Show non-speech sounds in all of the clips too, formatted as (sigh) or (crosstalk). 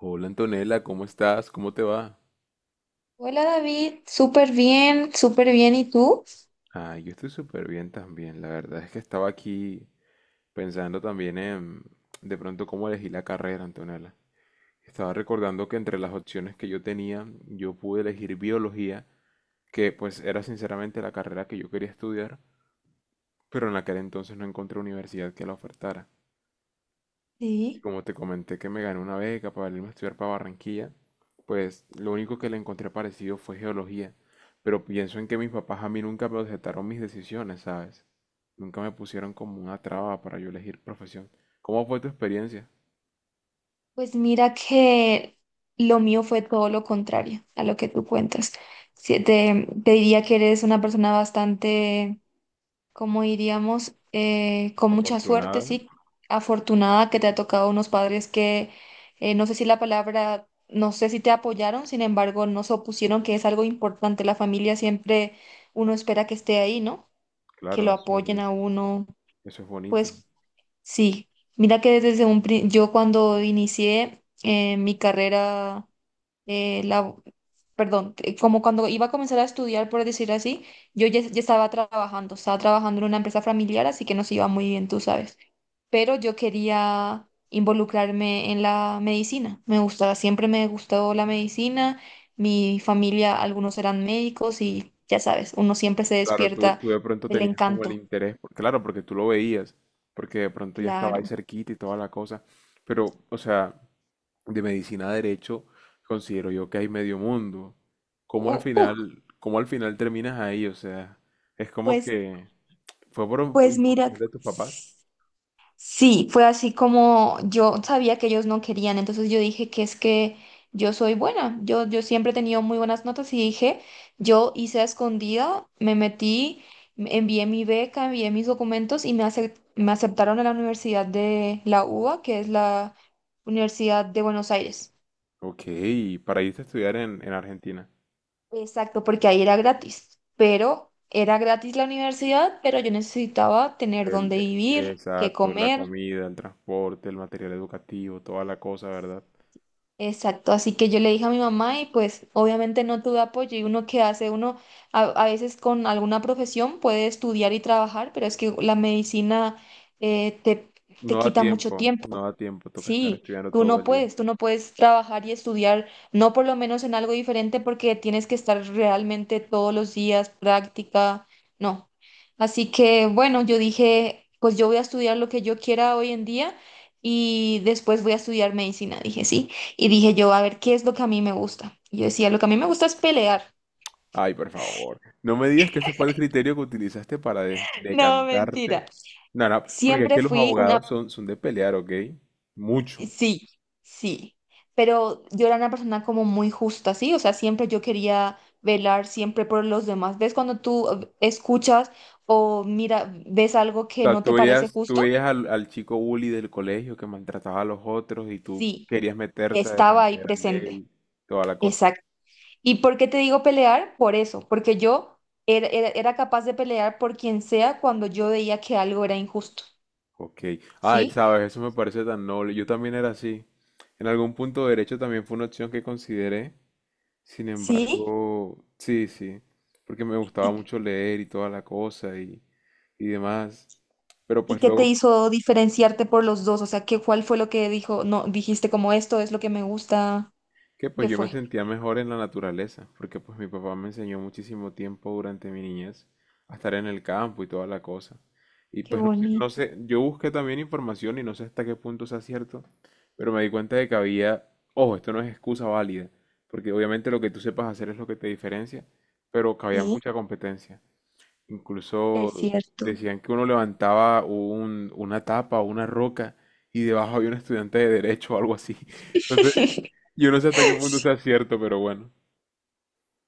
Hola Antonella, ¿cómo estás? ¿Cómo te va? Hola David, súper bien, súper bien. ¿Y tú? Ah, yo estoy súper bien también. La verdad es que estaba aquí pensando también en de pronto cómo elegí la carrera, Antonella. Estaba recordando que entre las opciones que yo tenía, yo pude elegir biología, que pues era sinceramente la carrera que yo quería estudiar, pero en aquel entonces no encontré universidad que la ofertara. Y Sí. como te comenté que me gané una beca para irme a estudiar para Barranquilla, pues lo único que le encontré parecido fue geología. Pero pienso en que mis papás a mí nunca me objetaron mis decisiones, ¿sabes? Nunca me pusieron como una traba para yo elegir profesión. ¿Cómo fue tu experiencia? Pues mira que lo mío fue todo lo contrario a lo que tú cuentas. Sí, te diría que eres una persona bastante, como diríamos, con mucha suerte, Afortunada, sí, afortunada que te ha tocado unos padres que, no sé si la palabra, no sé si te apoyaron, sin embargo, no se opusieron, que es algo importante. La familia siempre uno espera que esté ahí, ¿no? Que claro, lo apoyen a uno. eso es bonito. Pues sí, mira que desde un yo cuando inicié mi carrera, eh, la, perdón, como cuando iba a comenzar a estudiar, por decir así, yo ya estaba trabajando en una empresa familiar, así que nos iba muy bien, tú sabes. Pero yo quería involucrarme en la medicina, me gustaba, siempre me gustó la medicina, mi familia, algunos eran médicos y ya sabes, uno siempre se Claro, tú, despierta tú de pronto el tenías como el encanto, interés, claro, porque tú lo veías, porque de pronto ya estaba ahí claro. cerquita y toda la cosa. Pero, o sea, de medicina a derecho, considero yo que hay medio mundo. ¿Cómo al U- uf, final, cómo al final terminas ahí? O sea, es como pues que fue por Pues mira, imposición de tus papás. sí, fue así como yo sabía que ellos no querían, entonces yo dije que es que yo soy buena, yo siempre he tenido muy buenas notas y dije, yo hice a escondida, me metí, envié mi beca, envié mis documentos y me aceptaron a la Universidad de la UBA, que es la Universidad de Buenos Aires. Ok, para irte a estudiar en Argentina. Exacto, porque ahí era gratis, pero era gratis la universidad, pero yo necesitaba tener dónde vivir, qué Exacto, la comer. comida, el transporte, el material educativo, toda la cosa, ¿verdad? Exacto, así que yo le dije a mi mamá y pues obviamente no tuve apoyo y uno que hace, uno a veces con alguna profesión puede estudiar y trabajar, pero es que la medicina eh, te, No te da quita mucho tiempo, no tiempo. da tiempo, toca estar Sí, estudiando tú todo no el día. puedes, tú no puedes trabajar y estudiar, no por lo menos en algo diferente porque tienes que estar realmente todos los días, práctica, no. Así que bueno, yo dije, pues yo voy a estudiar lo que yo quiera hoy en día y después voy a estudiar medicina, dije sí. Y dije yo, a ver, ¿qué es lo que a mí me gusta? Y yo decía, lo que a mí me gusta es pelear. Ay, por favor. No me digas que ese fue el criterio que utilizaste para (laughs) No, decantarte. mentira. No, no, porque es Siempre que los fui una. abogados son de pelear, ¿ok? Mucho. O Sí, sí, pero yo era una persona como muy justa, ¿sí? O sea, siempre yo quería velar siempre por los demás. ¿Ves cuando tú escuchas o mira, ves algo que sea, no tú te parece veías, tú justo? veías al chico bully del colegio que maltrataba a los otros y tú Sí, querías meterte a estaba ahí defender al presente. débil, toda la cosa. Exacto. ¿Y por qué te digo pelear? Por eso, porque yo era capaz de pelear por quien sea cuando yo veía que algo era injusto, Ok. Ay, ¿sí? sabes, eso me parece tan noble. Yo también era así. En algún punto derecho también fue una opción que consideré. Sin Sí, embargo, sí, sí, porque me gustaba y mucho leer y toda la cosa y demás. Pero ¿Y pues qué te luego hizo diferenciarte por los dos? O sea, ¿cuál fue lo que dijo? No, dijiste como esto es lo que me gusta. que pues ¿Qué yo me fue? sentía mejor en la naturaleza, porque pues mi papá me enseñó muchísimo tiempo durante mi niñez a estar en el campo y toda la cosa. Y Qué pues no sé, no bonito. sé, yo busqué también información y no sé hasta qué punto sea cierto, pero me di cuenta de que había, ojo, esto no es excusa válida, porque obviamente lo que tú sepas hacer es lo que te diferencia, pero que había Sí, mucha competencia. es Incluso cierto. decían que uno levantaba una tapa o una roca y debajo había un estudiante de derecho o algo así. (laughs) Entonces, (laughs) yo no sé hasta qué punto sea cierto, pero bueno.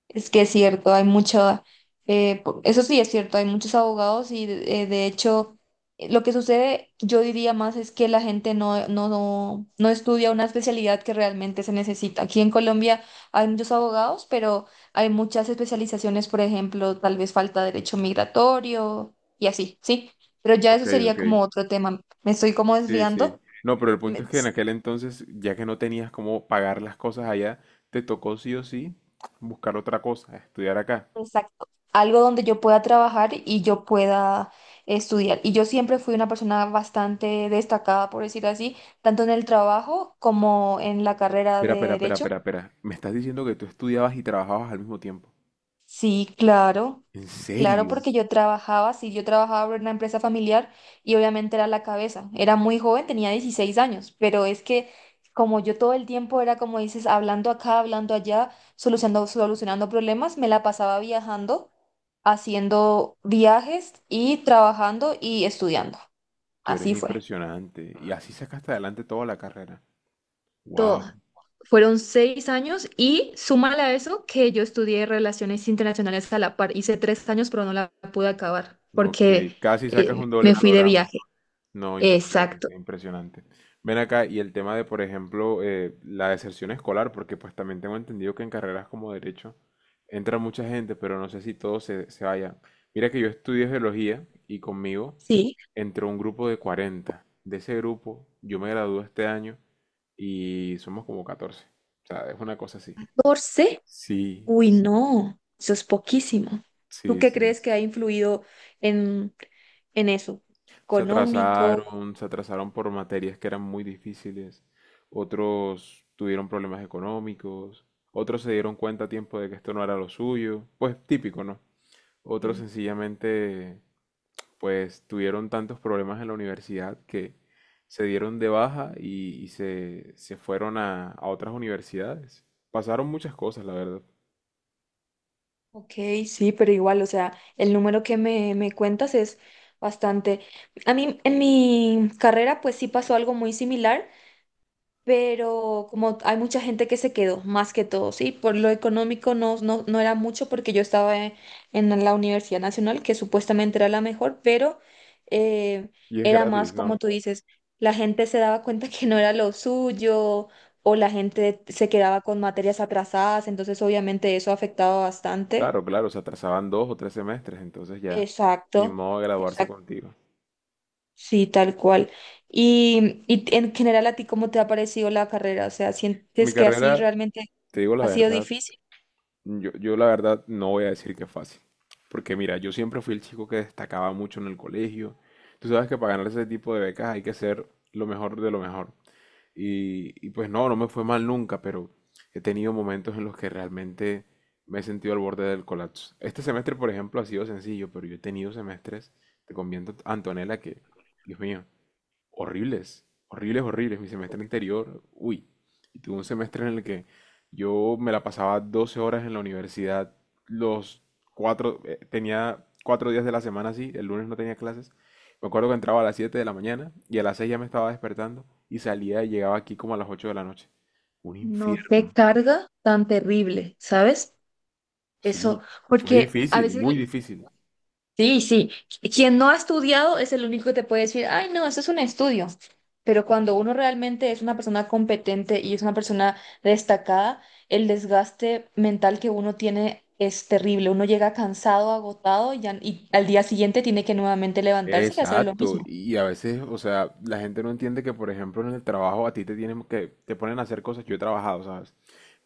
Es que es cierto, hay mucho, eso sí es cierto, hay muchos abogados y de hecho lo que sucede, yo diría más, es que la gente no estudia una especialidad que realmente se necesita. Aquí en Colombia hay muchos abogados, pero hay muchas especializaciones, por ejemplo, tal vez falta derecho migratorio y así, ¿sí? Pero ya Ok, eso sería ok. como otro tema. Me estoy como Sí, sí. desviando. No, pero el punto es Me- que en aquel entonces, ya que no tenías cómo pagar las cosas allá, te tocó sí o sí buscar otra cosa, estudiar acá. Exacto. Algo donde yo pueda trabajar y yo pueda estudiar. Y yo siempre fui una persona bastante destacada, por decir así, tanto en el trabajo como en la carrera Espera, de espera, espera, derecho. espera, espera. Me estás diciendo que tú estudiabas y trabajabas al mismo tiempo. Sí, claro, ¿En, sí, claro, serio? porque yo trabajaba, sí, yo trabajaba en una empresa familiar y obviamente era la cabeza. Era muy joven, tenía 16 años, pero es que como yo todo el tiempo era, como dices, hablando acá, hablando allá, solucionando problemas, me la pasaba viajando. Haciendo viajes y trabajando y estudiando. Tú eres Así fue. impresionante. Y así sacaste adelante toda la carrera. Wow. Toda. Fueron 6 años y súmale a eso que yo estudié relaciones internacionales a la par. Hice 3 años, pero no la pude acabar Ok, porque casi sacas un doble me fui de programa. viaje. No, Exacto. impresionante, impresionante. Ven acá, y el tema de, por ejemplo, la deserción escolar, porque pues también tengo entendido que en carreras como derecho entra mucha gente, pero no sé si todos se vayan. Mira que yo estudié geología y conmigo Sí. entró un grupo de 40. De ese grupo, yo me gradué este año y somos como 14. O sea, es una cosa así. 14. Sí, Uy, no, eso es poquísimo. ¿Tú sí, qué sí. crees que ha influido en, en eso? Se ¿Económico? atrasaron, se atrasaron por materias que eran muy difíciles. Otros tuvieron problemas económicos. Otros se dieron cuenta a tiempo de que esto no era lo suyo. Pues típico, ¿no? Otros sencillamente, pues tuvieron tantos problemas en la universidad que se dieron de baja y se fueron a otras universidades. Pasaron muchas cosas, la verdad. Ok, sí, pero igual, o sea, el número que me cuentas es bastante. A mí en mi carrera pues sí pasó algo muy similar, pero como hay mucha gente que se quedó, más que todo, sí, por lo económico no era mucho porque yo estaba en la Universidad Nacional, que supuestamente era la mejor, pero eh, Y es era gratis, más ¿no? como tú dices, la gente se daba cuenta que no era lo suyo o la gente se quedaba con materias atrasadas, entonces obviamente eso afectaba bastante. Claro, claro, se atrasaban 2 o 3 semestres, entonces ya, Exacto, ni modo de graduarse exacto, contigo. sí, tal cual. Y en general, ¿a ti cómo te ha parecido la carrera? O sea, Mi ¿sientes que así carrera, realmente te digo la ha sido verdad, difícil? yo la verdad no voy a decir que es fácil. Porque mira, yo siempre fui el chico que destacaba mucho en el colegio. Tú sabes que para ganar ese tipo de becas hay que ser lo mejor de lo mejor. Y pues no, no me fue mal nunca, pero he tenido momentos en los que realmente me he sentido al borde del colapso. Este semestre, por ejemplo, ha sido sencillo, pero yo he tenido semestres, te conviento, Antonella, que, Dios mío, horribles, horribles, horribles. Mi semestre anterior, uy, y tuve un semestre en el que yo me la pasaba 12 horas en la universidad, los tenía 4 días de la semana así, el lunes no tenía clases. Me acuerdo que entraba a las 7 de la mañana y a las 6 ya me estaba despertando y salía y llegaba aquí como a las 8 de la noche. Un No, qué infierno. carga tan terrible, ¿sabes? Sí, Eso, fue porque a difícil, veces. muy difícil. Sí, sí. Quien no ha estudiado es el único que te puede decir, ay, no, eso es un estudio. Pero cuando uno realmente es una persona competente y es una persona destacada, el desgaste mental que uno tiene es terrible. Uno llega cansado, agotado y al día siguiente tiene que nuevamente levantarse y hacer lo Exacto, mismo. y a veces, o sea, la gente no entiende que, por ejemplo, en el trabajo a ti te ponen a hacer cosas, yo he trabajado, ¿sabes?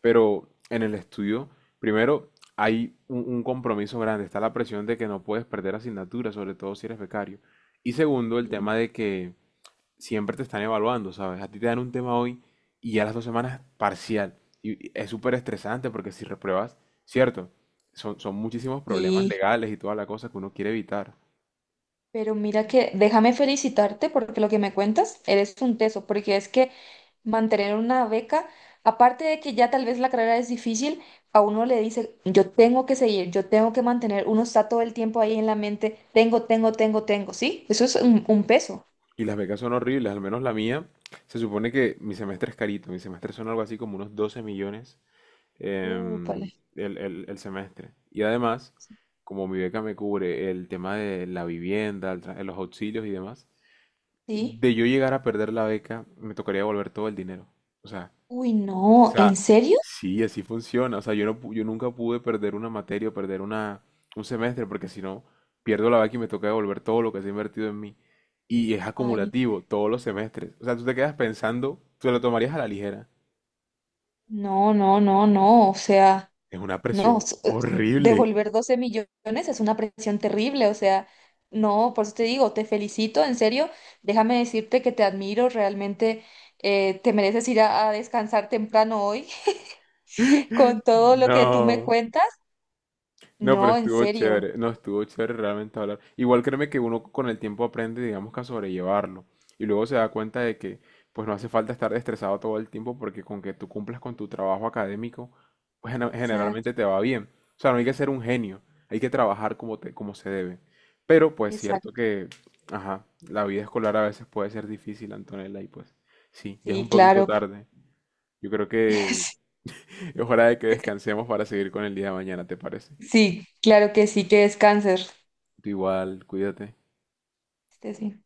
Pero en el estudio, primero, hay un compromiso grande, está la presión de que no puedes perder asignaturas, sobre todo si eres becario. Y segundo, el Sí. tema de que siempre te están evaluando, ¿sabes? A ti te dan un tema hoy y ya las 2 semanas parcial. Y es súper estresante porque si repruebas, cierto, son muchísimos problemas Sí. legales y toda la cosa que uno quiere evitar. Pero mira que déjame felicitarte porque lo que me cuentas, eres un teso, porque es que mantener una beca, aparte de que ya tal vez la carrera es difícil, a uno le dice, yo tengo que seguir, yo tengo que mantener, uno está todo el tiempo ahí en la mente, tengo, tengo, tengo, tengo, ¿sí? Eso es un peso. Y las becas son horribles, al menos la mía. Se supone que mi semestre es carito, mi semestre son algo así como unos 12 millones em, Vale. el semestre. Y además, Sí. como mi beca me cubre el tema de la vivienda, los auxilios y demás, Sí. de yo llegar a perder la beca, me tocaría devolver todo el dinero. O sea, Uy, o no, ¿en sea, serio? sí, así funciona. O sea, yo no, pu- yo nunca pude perder una materia o perder un semestre, porque si no, pierdo la vaca y me toca devolver todo lo que se ha invertido en mí. Y es Ay, acumulativo, todos los semestres. O sea, tú te quedas pensando, tú lo tomarías a la ligera. no, no, no, no, o sea. Es una No, presión horrible. devolver 12 millones es una presión terrible, o sea, no, por eso te digo, te felicito, en serio, déjame decirte que te admiro, realmente te mereces ir a descansar temprano hoy (laughs) con todo lo que tú me No. cuentas. No, pero No, en estuvo serio. chévere, no, estuvo chévere realmente hablar. Igual créeme que uno con el tiempo aprende, digamos que a sobrellevarlo. Y luego se da cuenta de que pues no hace falta estar estresado todo el tiempo porque con que tú cumplas con tu trabajo académico, pues generalmente Exacto, te va bien. O sea, no hay que ser un genio, hay que trabajar como se debe. Pero pues cierto exacto. que, ajá, la vida escolar a veces puede ser difícil, Antonella, y pues sí, ya es Sí, un poquito claro. tarde. Yo creo que (laughs) (laughs) es hora de que descansemos para seguir con el día de mañana, ¿te parece? Sí, claro que sí, que descanses. Tú igual, cuídate. Sí.